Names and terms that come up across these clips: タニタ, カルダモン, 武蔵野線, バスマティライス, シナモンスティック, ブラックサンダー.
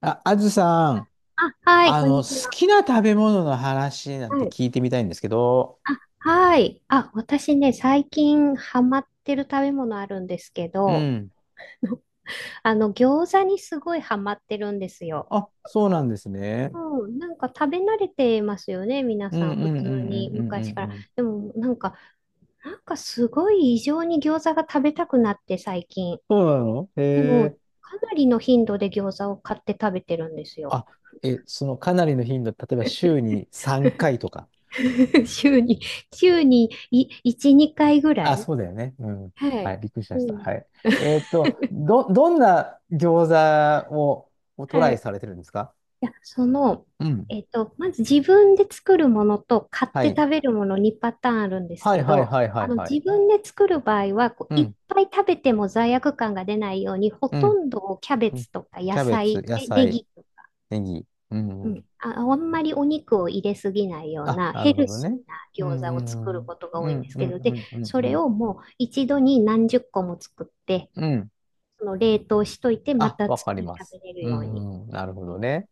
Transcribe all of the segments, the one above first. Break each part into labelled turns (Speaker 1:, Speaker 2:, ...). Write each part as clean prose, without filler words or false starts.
Speaker 1: あ、あずさん、
Speaker 2: あ、はい、こんにち
Speaker 1: 好
Speaker 2: は。
Speaker 1: きな食べ物の話なん
Speaker 2: は
Speaker 1: て
Speaker 2: い。
Speaker 1: 聞いてみたいんですけど。
Speaker 2: あ、はい。あ、私ね、最近ハマってる食べ物あるんですけ
Speaker 1: う
Speaker 2: ど、
Speaker 1: ん。
Speaker 2: 餃子にすごいハマってるんですよ。
Speaker 1: あ、そうなんですね。
Speaker 2: うん、なんか食べ慣れてますよね、皆
Speaker 1: う
Speaker 2: さ
Speaker 1: んう
Speaker 2: ん、
Speaker 1: んう
Speaker 2: 普
Speaker 1: ん
Speaker 2: 通
Speaker 1: う
Speaker 2: に、
Speaker 1: んうん
Speaker 2: 昔か
Speaker 1: う
Speaker 2: ら。
Speaker 1: んうん。
Speaker 2: でも、なんか、なんかすごい異常に餃子が食べたくなって、最近。
Speaker 1: そうなのへ
Speaker 2: でも、
Speaker 1: え。
Speaker 2: かなりの頻度で餃子を買って食べてるんですよ。
Speaker 1: あ、え、そのかなりの頻度、例えば週に3回とか。
Speaker 2: 週に、週に1、2回ぐら
Speaker 1: あ、
Speaker 2: い。
Speaker 1: そうだよね。うん。
Speaker 2: は
Speaker 1: は
Speaker 2: い。
Speaker 1: い、びっくりしま
Speaker 2: う
Speaker 1: した。
Speaker 2: ん。
Speaker 1: はい。どんな餃子を、をトラ
Speaker 2: は
Speaker 1: イ
Speaker 2: い。
Speaker 1: されてるんですか？
Speaker 2: いや、その、
Speaker 1: うん。
Speaker 2: まず自分で作るものと買っ
Speaker 1: は
Speaker 2: て
Speaker 1: い。
Speaker 2: 食べるものにパターンあるんです
Speaker 1: はい
Speaker 2: け
Speaker 1: はい
Speaker 2: ど、
Speaker 1: はいは
Speaker 2: あ
Speaker 1: い
Speaker 2: の
Speaker 1: は
Speaker 2: 自
Speaker 1: い。
Speaker 2: 分で作る場合はこう、
Speaker 1: う
Speaker 2: いっ
Speaker 1: ん。
Speaker 2: ぱい食べても罪悪感が出ないように、ほ
Speaker 1: う
Speaker 2: と
Speaker 1: ん。
Speaker 2: んどをキャベ
Speaker 1: うん。
Speaker 2: ツとか野
Speaker 1: キャベツ、
Speaker 2: 菜、
Speaker 1: 野
Speaker 2: ね、ネ
Speaker 1: 菜。
Speaker 2: ギ、
Speaker 1: ネギ。う
Speaker 2: う
Speaker 1: ん、うん。
Speaker 2: ん、あんまりお肉を入れすぎないよう
Speaker 1: あ、
Speaker 2: な
Speaker 1: な
Speaker 2: ヘ
Speaker 1: るほ
Speaker 2: ル
Speaker 1: ど
Speaker 2: シー
Speaker 1: ね。
Speaker 2: な
Speaker 1: う
Speaker 2: 餃
Speaker 1: ん、う
Speaker 2: 子を作る
Speaker 1: ん、
Speaker 2: ことが
Speaker 1: う
Speaker 2: 多いんで
Speaker 1: ん。
Speaker 2: す
Speaker 1: う
Speaker 2: け
Speaker 1: ん、
Speaker 2: ど、
Speaker 1: う
Speaker 2: で、
Speaker 1: ん、うん、
Speaker 2: そ
Speaker 1: うん。う
Speaker 2: れ
Speaker 1: ん。
Speaker 2: をもう一度に何十個も作って、
Speaker 1: うん。
Speaker 2: その冷凍しといて、ま
Speaker 1: あ、
Speaker 2: た
Speaker 1: わかり
Speaker 2: 次
Speaker 1: ま
Speaker 2: 食
Speaker 1: す。
Speaker 2: べれる
Speaker 1: う
Speaker 2: ように。
Speaker 1: ん、うん。なるほどね。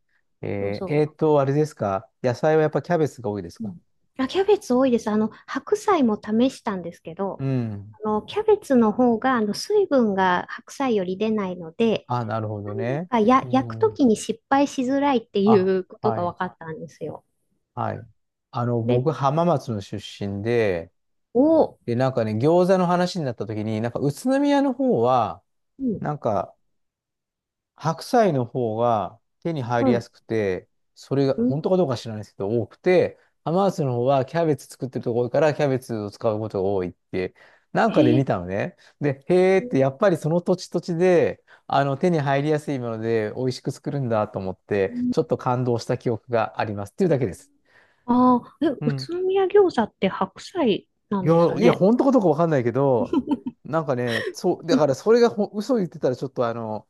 Speaker 2: そうそう。
Speaker 1: あれですか？野菜はやっぱキャベツが多いです
Speaker 2: う
Speaker 1: か？
Speaker 2: ん。あ、キャベツ多いです。白菜も試したんですけ
Speaker 1: う
Speaker 2: ど、
Speaker 1: ん。
Speaker 2: キャベツの方が、水分が白菜より出ないので、
Speaker 1: あ、なるほど
Speaker 2: なん
Speaker 1: ね。
Speaker 2: かや、
Speaker 1: う
Speaker 2: 焼くと
Speaker 1: ん。
Speaker 2: きに失敗しづらいってい
Speaker 1: あ、
Speaker 2: うこと
Speaker 1: は
Speaker 2: が
Speaker 1: い。
Speaker 2: 分かったんですよ。
Speaker 1: はい。あの、
Speaker 2: で、
Speaker 1: 僕、浜松の出身で、
Speaker 2: お、
Speaker 1: で、なんかね、餃子の話になった時に、なんか宇都宮の方は、
Speaker 2: うん、
Speaker 1: なんか、白菜の方が手に入り
Speaker 2: は
Speaker 1: や
Speaker 2: い、
Speaker 1: すくて、それが
Speaker 2: うん、
Speaker 1: 本当かどうか知らないですけど、多くて、アマースの方はキャベツ作ってるところからキャベツを使うことが多いって、なんかで
Speaker 2: へえ、
Speaker 1: 見たのね。で、へーって、やっぱりその土地土地で、あの、手に入りやすいもので美味しく作るんだと思って、ちょっと感動した記憶がありますっていうだけです。
Speaker 2: ああー、え、
Speaker 1: う
Speaker 2: 宇
Speaker 1: ん。
Speaker 2: 都宮餃子って白菜な
Speaker 1: い
Speaker 2: ん
Speaker 1: や、
Speaker 2: です
Speaker 1: いや、
Speaker 2: ね。
Speaker 1: 本当かどうかわかんないけど、なんかね、そう、
Speaker 2: う
Speaker 1: だから
Speaker 2: ん。
Speaker 1: それがほ嘘言ってたらちょっとあの、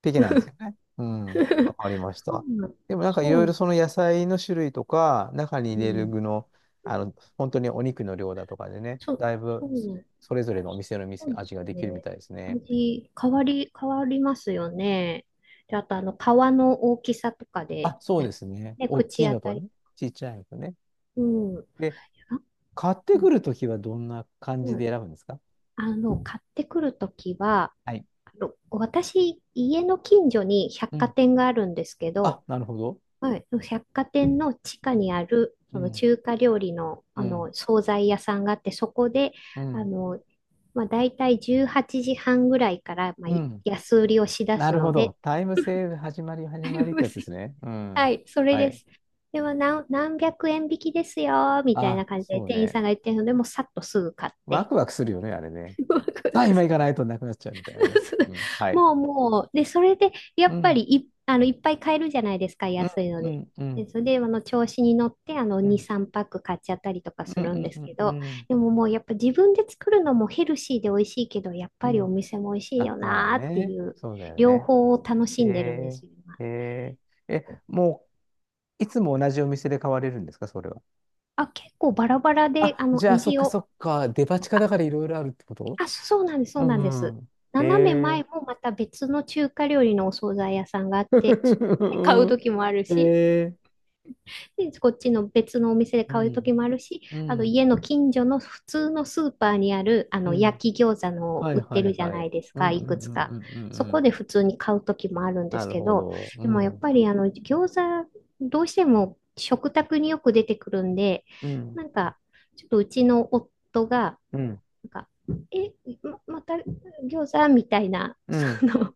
Speaker 1: 的なんですよね。う ん。わかりまし
Speaker 2: そ
Speaker 1: た。
Speaker 2: うなん、
Speaker 1: でもなんかい
Speaker 2: そ
Speaker 1: ろいろ
Speaker 2: う、
Speaker 1: その野菜の種類とか、中に
Speaker 2: う
Speaker 1: 入れる
Speaker 2: ん、
Speaker 1: 具の、あの、本当にお肉の量だとかでね、
Speaker 2: そ、
Speaker 1: だいぶ
Speaker 2: そうなん
Speaker 1: それぞれのお店の
Speaker 2: そ
Speaker 1: 店、
Speaker 2: うで
Speaker 1: 味
Speaker 2: す
Speaker 1: が
Speaker 2: よ
Speaker 1: できるみ
Speaker 2: ね。
Speaker 1: たいですね。
Speaker 2: 味、変わり、変わりますよね。で、あと、あの、皮の大きさとかで、
Speaker 1: あ、そう
Speaker 2: ね、
Speaker 1: ですね。
Speaker 2: ね
Speaker 1: 大き
Speaker 2: 口
Speaker 1: い
Speaker 2: 当
Speaker 1: のと
Speaker 2: たり。
Speaker 1: ね、ちっちゃいのとね。
Speaker 2: うん。あ、
Speaker 1: で、買っ
Speaker 2: う
Speaker 1: てく
Speaker 2: ん。
Speaker 1: るときはどんな感じで選ぶんですか？
Speaker 2: あの、買ってくるときは、
Speaker 1: はい。
Speaker 2: あの私、家の近所に百
Speaker 1: う
Speaker 2: 貨
Speaker 1: ん。
Speaker 2: 店があるんですけ
Speaker 1: あ、
Speaker 2: ど、
Speaker 1: なるほど。
Speaker 2: はい、百貨店の地下
Speaker 1: うん。
Speaker 2: にある、
Speaker 1: う
Speaker 2: その
Speaker 1: ん。
Speaker 2: 中華料理の、
Speaker 1: う
Speaker 2: あ
Speaker 1: ん。
Speaker 2: の、惣菜屋さんがあって、そこで、
Speaker 1: う
Speaker 2: あ
Speaker 1: ん。
Speaker 2: の、まあ、大体18時半ぐらいから、まあ、
Speaker 1: う
Speaker 2: い
Speaker 1: ん。
Speaker 2: 安売りをしだ
Speaker 1: な
Speaker 2: す
Speaker 1: るほ
Speaker 2: ので、
Speaker 1: ど。タイムセール始まり始まりってやつで すね。う
Speaker 2: は
Speaker 1: ん。
Speaker 2: い、それ
Speaker 1: は
Speaker 2: で
Speaker 1: い。
Speaker 2: す。では何百円引きですよ、みたいな
Speaker 1: あ、
Speaker 2: 感じで
Speaker 1: そう
Speaker 2: 店員さん
Speaker 1: ね。
Speaker 2: が言ってるので、もうさっとすぐ買っ
Speaker 1: ワ
Speaker 2: て。
Speaker 1: クワクするよね、あれね。さあ、今行かないとなくなっちゃうみたいなね。うん。はい。
Speaker 2: もうもう、で、それで、や
Speaker 1: う
Speaker 2: っぱり
Speaker 1: ん、
Speaker 2: い、あの、いっぱい買えるじゃないですか、
Speaker 1: う
Speaker 2: 安
Speaker 1: ん、
Speaker 2: いの
Speaker 1: う
Speaker 2: で。
Speaker 1: ん、う
Speaker 2: で、
Speaker 1: ん、
Speaker 2: それで、あの、調子に乗って、あの、
Speaker 1: う
Speaker 2: 2、
Speaker 1: ん、
Speaker 2: 3パック買っちゃったりとか
Speaker 1: う
Speaker 2: するん
Speaker 1: ん、
Speaker 2: です
Speaker 1: う
Speaker 2: け
Speaker 1: ん、う
Speaker 2: ど、
Speaker 1: ん、うん。
Speaker 2: でももう、やっぱ自分で作るのもヘルシーで美味しいけど、やっ
Speaker 1: う
Speaker 2: ぱりお
Speaker 1: ん。
Speaker 2: 店も美味しい
Speaker 1: あ、
Speaker 2: よ
Speaker 1: まあ
Speaker 2: なーって
Speaker 1: ね。
Speaker 2: いう、
Speaker 1: そうだよ
Speaker 2: 両
Speaker 1: ね。
Speaker 2: 方を楽し
Speaker 1: え
Speaker 2: んでるんですよ、今。
Speaker 1: ー、えもう、いつも同じお店で買われるんですか、それは。
Speaker 2: あ、結構バラバラで、あ
Speaker 1: あ、
Speaker 2: の、
Speaker 1: じゃあ、そっ
Speaker 2: 味
Speaker 1: かそ
Speaker 2: を。
Speaker 1: っか。デパ地下だからいろいろあるってこと？
Speaker 2: あ、そうなんです、そ
Speaker 1: う
Speaker 2: うなんで
Speaker 1: ん
Speaker 2: す。
Speaker 1: うん。
Speaker 2: 斜め
Speaker 1: え
Speaker 2: 前もまた別の中華料理のお惣菜屋さんがあって、そこで買う
Speaker 1: ー。
Speaker 2: 時もある
Speaker 1: え
Speaker 2: し、
Speaker 1: ー。
Speaker 2: で、こっちの別のお店で
Speaker 1: う
Speaker 2: 買う時
Speaker 1: ん、
Speaker 2: もあるし、
Speaker 1: う
Speaker 2: あと
Speaker 1: ん、
Speaker 2: 家の近所の普通のスーパーにある、あ
Speaker 1: う
Speaker 2: の、
Speaker 1: ん。
Speaker 2: 焼き餃子の
Speaker 1: は
Speaker 2: 売
Speaker 1: い
Speaker 2: っ
Speaker 1: は
Speaker 2: てる
Speaker 1: い
Speaker 2: じゃ
Speaker 1: は
Speaker 2: ない
Speaker 1: い。
Speaker 2: です
Speaker 1: うん、
Speaker 2: か、
Speaker 1: う
Speaker 2: いく
Speaker 1: ん、
Speaker 2: つ
Speaker 1: うん、
Speaker 2: か。
Speaker 1: うん、うん。
Speaker 2: そ
Speaker 1: う
Speaker 2: こ
Speaker 1: ん。
Speaker 2: で普通に買う時もあるんで
Speaker 1: な
Speaker 2: す
Speaker 1: る
Speaker 2: け
Speaker 1: ほ
Speaker 2: ど、
Speaker 1: ど。う
Speaker 2: でもやっ
Speaker 1: ん。
Speaker 2: ぱりあの、餃子、どうしても食卓によく出てくるんで、
Speaker 1: うん。
Speaker 2: なんか、ちょっとうちの夫が、
Speaker 1: うん。
Speaker 2: なんか、え、ま、また餃子みたいな、
Speaker 1: う
Speaker 2: そ
Speaker 1: ん。
Speaker 2: の、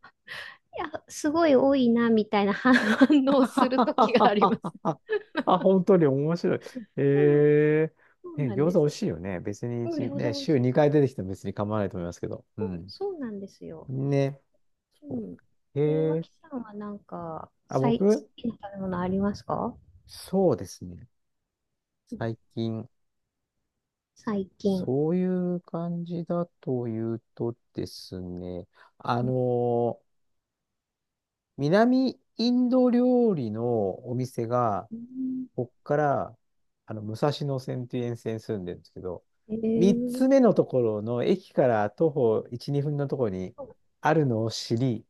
Speaker 2: いや、すごい多いな、みたいな 反 応
Speaker 1: は
Speaker 2: する
Speaker 1: は
Speaker 2: 時があ
Speaker 1: は
Speaker 2: りま
Speaker 1: は
Speaker 2: す。
Speaker 1: はは。あ、本当に面白い。
Speaker 2: うん、
Speaker 1: え
Speaker 2: そう
Speaker 1: え、ね、
Speaker 2: なん
Speaker 1: 餃
Speaker 2: で
Speaker 1: 子美味
Speaker 2: す。
Speaker 1: しいよね。別に
Speaker 2: うん、
Speaker 1: 一、
Speaker 2: 餃
Speaker 1: ね、
Speaker 2: 子
Speaker 1: 週
Speaker 2: 美味し
Speaker 1: 2
Speaker 2: い。
Speaker 1: 回出てきても別に構わないと思いますけど。う
Speaker 2: そう、
Speaker 1: ん。
Speaker 2: そうなんですよ。
Speaker 1: ね。
Speaker 2: う
Speaker 1: そ
Speaker 2: ん。
Speaker 1: う。
Speaker 2: え、
Speaker 1: ええ。
Speaker 2: 脇さんはなんか、
Speaker 1: あ、
Speaker 2: 最
Speaker 1: 僕、
Speaker 2: 近の食べ物ありますか？
Speaker 1: そうですね。
Speaker 2: うん。
Speaker 1: 最近、
Speaker 2: 最近。
Speaker 1: そういう感じだというとですね、あの
Speaker 2: う
Speaker 1: ー南インド料理のお店が、
Speaker 2: ん、
Speaker 1: こっから、あの、武蔵野線っていう沿線に住んでるんですけど、
Speaker 2: え
Speaker 1: 3
Speaker 2: ー、
Speaker 1: つ目のところの駅から徒歩1、2分のところにあるのを知り、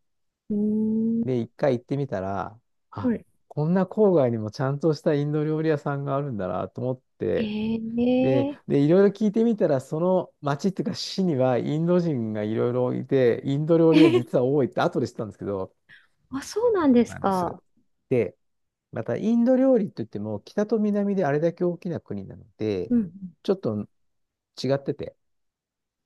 Speaker 2: うん、
Speaker 1: で、一回行ってみたら、
Speaker 2: は
Speaker 1: あ、
Speaker 2: い。
Speaker 1: こんな郊外にもちゃんとしたインド料理屋さんがあるんだなと思っ
Speaker 2: え
Speaker 1: て、
Speaker 2: ー、
Speaker 1: で、
Speaker 2: え
Speaker 1: で、いろいろ聞いてみたら、その町っていうか市にはインド人がいろいろいて、インド料
Speaker 2: ー、
Speaker 1: 理屋実は多いって後で知ったんですけど、
Speaker 2: あ、そうなんです
Speaker 1: なんです。
Speaker 2: か。
Speaker 1: で、また、インド料理といっても、北と南であれだけ大きな国なので、
Speaker 2: うんうん。
Speaker 1: ちょっと違ってて。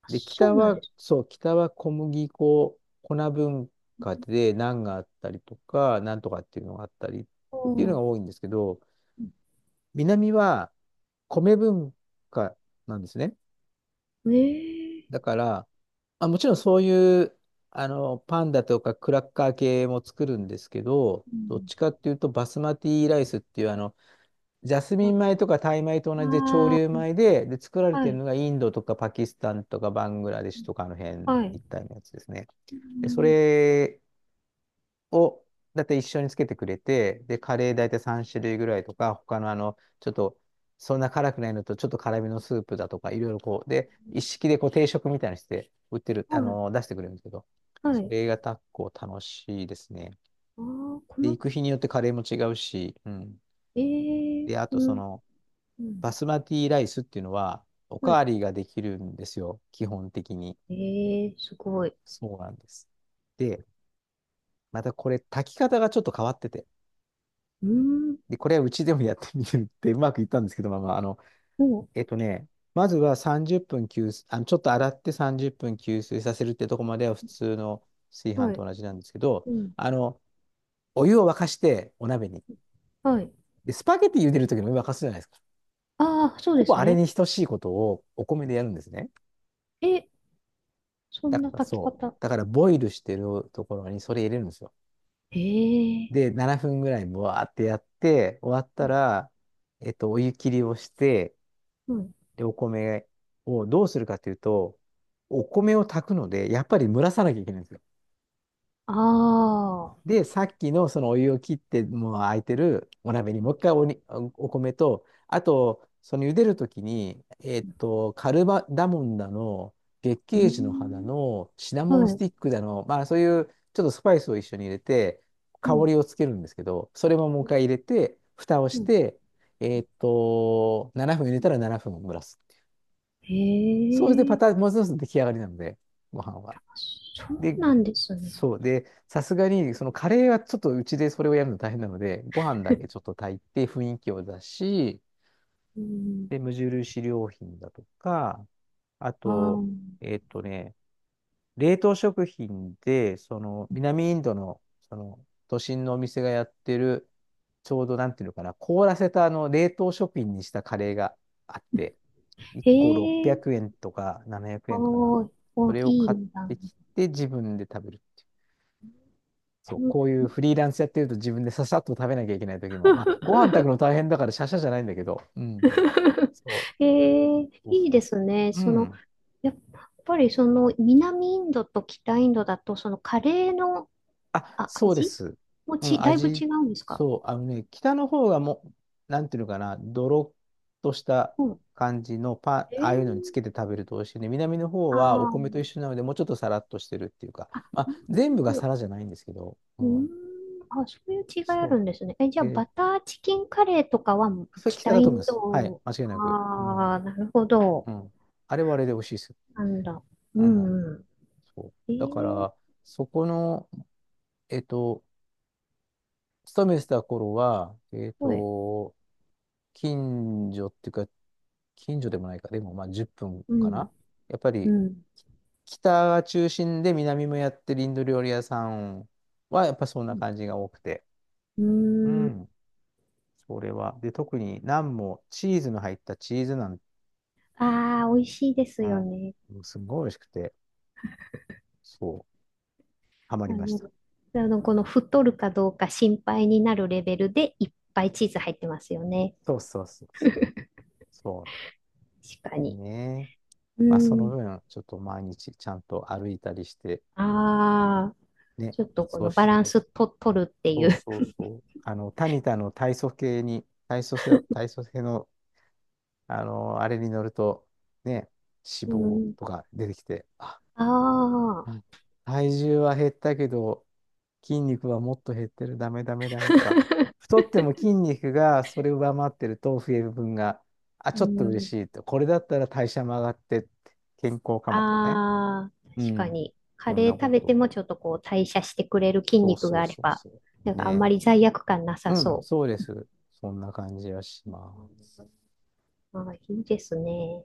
Speaker 2: あ、
Speaker 1: で、
Speaker 2: そ
Speaker 1: 北
Speaker 2: うなんで
Speaker 1: は、
Speaker 2: す。
Speaker 1: そう、北は小麦粉、粉文化でナンがあったりとか、なんとかっていうのがあったりっ
Speaker 2: う
Speaker 1: ていうの
Speaker 2: ん。
Speaker 1: が多いんですけど、南は米文化なんですね。
Speaker 2: え
Speaker 1: だ
Speaker 2: え。
Speaker 1: から、あ、もちろんそういう、あの、パンだとかクラッカー系も作るんですけど、
Speaker 2: う
Speaker 1: どっ
Speaker 2: ん。
Speaker 1: ちかっていうと、バスマティライスっていう、あの、ジャスミン米とかタイ米と同じで潮
Speaker 2: あ
Speaker 1: 流
Speaker 2: あ。
Speaker 1: 米で、で、作られ
Speaker 2: は
Speaker 1: てる
Speaker 2: い、
Speaker 1: のがインドとかパキスタンとかバングラデシュとかの辺
Speaker 2: はい。
Speaker 1: 一帯のやつですね。
Speaker 2: う
Speaker 1: で、そ
Speaker 2: ん、
Speaker 1: れをだいたい一緒につけてくれて、で、カレーだいたい3種類ぐらいとか、他のあの、ちょっと、そんな辛くないのと、ちょっと辛めのスープだとか、いろいろこう、で、一式でこう定食みたいにして売ってる、
Speaker 2: は
Speaker 1: あ
Speaker 2: い、
Speaker 1: の、出してくれるんですけど、
Speaker 2: は
Speaker 1: そ
Speaker 2: い。
Speaker 1: れが結構楽しいですね。
Speaker 2: ああ、こ
Speaker 1: で、
Speaker 2: の、
Speaker 1: 行く日によってカレーも違うし、うん。
Speaker 2: ええ。
Speaker 1: で、あ
Speaker 2: う
Speaker 1: とそ
Speaker 2: ん、
Speaker 1: の、
Speaker 2: うん、
Speaker 1: バスマティライスっていうのは、おか
Speaker 2: はい。
Speaker 1: わりができるんですよ、基本的に。
Speaker 2: ええ、すごい。
Speaker 1: そうなんです。で、またこれ、炊き方がちょっと変わってて、
Speaker 2: うん、
Speaker 1: で、これはうちでもやってみるってうまくいったんですけど、まあまあ、あの、
Speaker 2: も
Speaker 1: えっとね、まずは30分吸水、あの、ちょっと洗って30分吸水させるってとこまでは普通の炊
Speaker 2: う。
Speaker 1: 飯
Speaker 2: はい、
Speaker 1: と同じなんですけど、
Speaker 2: うん、
Speaker 1: あの、お湯を沸かしてお鍋に。
Speaker 2: はい。
Speaker 1: で、スパゲティ茹でるときのお湯沸かすじゃないですか。
Speaker 2: ああ、そう
Speaker 1: ほ
Speaker 2: で
Speaker 1: ぼ
Speaker 2: す
Speaker 1: あれ
Speaker 2: ね。
Speaker 1: に等しいことをお米でやるんですね。
Speaker 2: え、そ
Speaker 1: だ
Speaker 2: ん
Speaker 1: か
Speaker 2: な
Speaker 1: ら
Speaker 2: 炊き
Speaker 1: そう。
Speaker 2: 方。
Speaker 1: だからボイルしてるところにそれ入れるんですよ。
Speaker 2: え
Speaker 1: で、
Speaker 2: え。
Speaker 1: 7分ぐらいもわーってやって、終わったら、お湯切りをして、
Speaker 2: うん。
Speaker 1: で、お米をどうするかというと、お米を炊くので、やっぱり蒸らさなきゃいけないんですよ。
Speaker 2: ああ、
Speaker 1: で、さっきのそのお湯を切って、もう空いてるお鍋にもう一回おに、お米と、あと、その茹でるときに、えっと、カルバダモンだの、月
Speaker 2: う
Speaker 1: 桂樹の花
Speaker 2: ん、
Speaker 1: の、シナモン
Speaker 2: は
Speaker 1: ス
Speaker 2: い、
Speaker 1: ティックだの、まあそういうちょっとスパイスを一緒に入れて、
Speaker 2: う
Speaker 1: 香
Speaker 2: ん、
Speaker 1: りをつけるんですけど、それももう一回入れて、蓋を
Speaker 2: う
Speaker 1: し
Speaker 2: ん。
Speaker 1: て、7分入れたら7分蒸らす。
Speaker 2: え
Speaker 1: そうしてパタ
Speaker 2: え、
Speaker 1: ーン、もう一つ出来上がりなので、ご飯は。
Speaker 2: そ
Speaker 1: で、
Speaker 2: うなんですね。
Speaker 1: そう。で、さすがに、そのカレーはちょっとうちでそれをやるの大変なので、ご飯だけちょっ と炊いて雰囲気を出し、
Speaker 2: うん、
Speaker 1: で、無印良品だとか、あ
Speaker 2: ああ。
Speaker 1: と、えっとね、冷凍食品で、その、南インドの、その、都心のお店がやってる、ちょうどなんていうのかな、凍らせたあの、冷凍食品にしたカレーがあって、1
Speaker 2: へ
Speaker 1: 個
Speaker 2: え、
Speaker 1: 600円とか700円かな。
Speaker 2: おー、お
Speaker 1: そ
Speaker 2: ー、
Speaker 1: れを
Speaker 2: いい
Speaker 1: 買っ
Speaker 2: ねな。
Speaker 1: てきて、自分で食べる。そう、
Speaker 2: うん。
Speaker 1: こういうフリーランスやってると自分でささっと食べなきゃいけない時も、まあ、ご飯炊くの大変だからシャシャじゃないんだけど、うん。そう、
Speaker 2: へえ、
Speaker 1: そう
Speaker 2: いい
Speaker 1: そ
Speaker 2: で
Speaker 1: うそ
Speaker 2: すね。
Speaker 1: う。う
Speaker 2: その、
Speaker 1: ん。
Speaker 2: やっぱりその南インドと北インドだと、そのカレーの、
Speaker 1: あ、そうで
Speaker 2: 味
Speaker 1: す。
Speaker 2: も
Speaker 1: う
Speaker 2: ち、
Speaker 1: ん、
Speaker 2: だいぶ
Speaker 1: 味、
Speaker 2: 違うんですか？
Speaker 1: そう、あのね、北の方がもう、なんていうのかな、ドロッとした
Speaker 2: うん。
Speaker 1: 感じのパン、あ
Speaker 2: え
Speaker 1: あいうのにつ
Speaker 2: え、
Speaker 1: けて食べると美味しいね。南の方
Speaker 2: あ
Speaker 1: はお
Speaker 2: あ、な
Speaker 1: 米と一緒なので、もうちょっとサラッとしてるっていうか、まあ、
Speaker 2: るほど、な
Speaker 1: 全
Speaker 2: る
Speaker 1: 部
Speaker 2: ほ
Speaker 1: がサ
Speaker 2: ど。
Speaker 1: ラじゃないんですけど、う
Speaker 2: うーん、
Speaker 1: ん。
Speaker 2: あ、そういう違いある
Speaker 1: そ
Speaker 2: んですね。え、じ
Speaker 1: う。
Speaker 2: ゃあ、
Speaker 1: で、
Speaker 2: バターチキンカレーとかは
Speaker 1: それ北
Speaker 2: 北
Speaker 1: だ
Speaker 2: イ
Speaker 1: と思いま
Speaker 2: ン
Speaker 1: す。はい、
Speaker 2: ド、
Speaker 1: 間違いなく。う
Speaker 2: あ
Speaker 1: ん。
Speaker 2: あ、なるほど。
Speaker 1: うん。あれはあれで美味しいですよ。
Speaker 2: なんだ。う
Speaker 1: うん。
Speaker 2: ん、うん。
Speaker 1: そう。
Speaker 2: え
Speaker 1: だか
Speaker 2: え。
Speaker 1: ら、そこの、えっと、勤めてた頃は、
Speaker 2: はい。
Speaker 1: 近所っていうか、近所でもないか、でもまあ10分
Speaker 2: う
Speaker 1: かな。
Speaker 2: ん、
Speaker 1: やっぱ
Speaker 2: う
Speaker 1: り、
Speaker 2: ん。
Speaker 1: 北が中心で南もやってるインド料理屋さんは、やっぱそんな感じが多くて。
Speaker 2: う
Speaker 1: う
Speaker 2: ん。
Speaker 1: ん。それは。で、特にナンもチーズの入ったチーズナン、
Speaker 2: ああー、美味しいです
Speaker 1: うん。
Speaker 2: よね。
Speaker 1: もうすんごい美味しくて、そう、ハマ
Speaker 2: あ
Speaker 1: りまし
Speaker 2: の、
Speaker 1: た。
Speaker 2: あの、この太るかどうか心配になるレベルでいっぱいチーズ入ってますよね。
Speaker 1: そうそうそうそう。そ
Speaker 2: 確か
Speaker 1: う
Speaker 2: に。
Speaker 1: ね。
Speaker 2: う
Speaker 1: まあ、その
Speaker 2: ん。
Speaker 1: 分、ちょっと毎日ちゃんと歩いたりして、
Speaker 2: ああ、
Speaker 1: ね、
Speaker 2: ちょっとこ
Speaker 1: そう
Speaker 2: のバ
Speaker 1: しな
Speaker 2: ラン
Speaker 1: い。
Speaker 2: スと、取るってい
Speaker 1: そう
Speaker 2: う。
Speaker 1: そうそう。あの、タニタの体組系に、体組成、体組成の、あの、あれに乗ると、ね、
Speaker 2: う
Speaker 1: 脂肪
Speaker 2: ん。
Speaker 1: とか出てきて、あ、
Speaker 2: ああ。
Speaker 1: うん、体重は減ったけど、筋肉はもっと減ってる、ダメダメダメとか、太っても筋肉がそれを上回ってると増える分が、あ、
Speaker 2: う
Speaker 1: ちょっと嬉
Speaker 2: ん。
Speaker 1: しいと。これだったら代謝も上がって、健康かもとかね。
Speaker 2: ああ、
Speaker 1: う
Speaker 2: 確か
Speaker 1: ん。
Speaker 2: に。カ
Speaker 1: そん
Speaker 2: レー
Speaker 1: な
Speaker 2: 食
Speaker 1: こ
Speaker 2: べて
Speaker 1: と。
Speaker 2: もちょっとこう代謝してくれる筋
Speaker 1: そう
Speaker 2: 肉が
Speaker 1: そう
Speaker 2: あれ
Speaker 1: そう
Speaker 2: ば、
Speaker 1: そ
Speaker 2: なん
Speaker 1: う。
Speaker 2: かあん
Speaker 1: ね。
Speaker 2: まり罪悪感な
Speaker 1: う
Speaker 2: さ
Speaker 1: ん、
Speaker 2: そう。
Speaker 1: そうです。そんな感じはします。
Speaker 2: ああ、いいですね。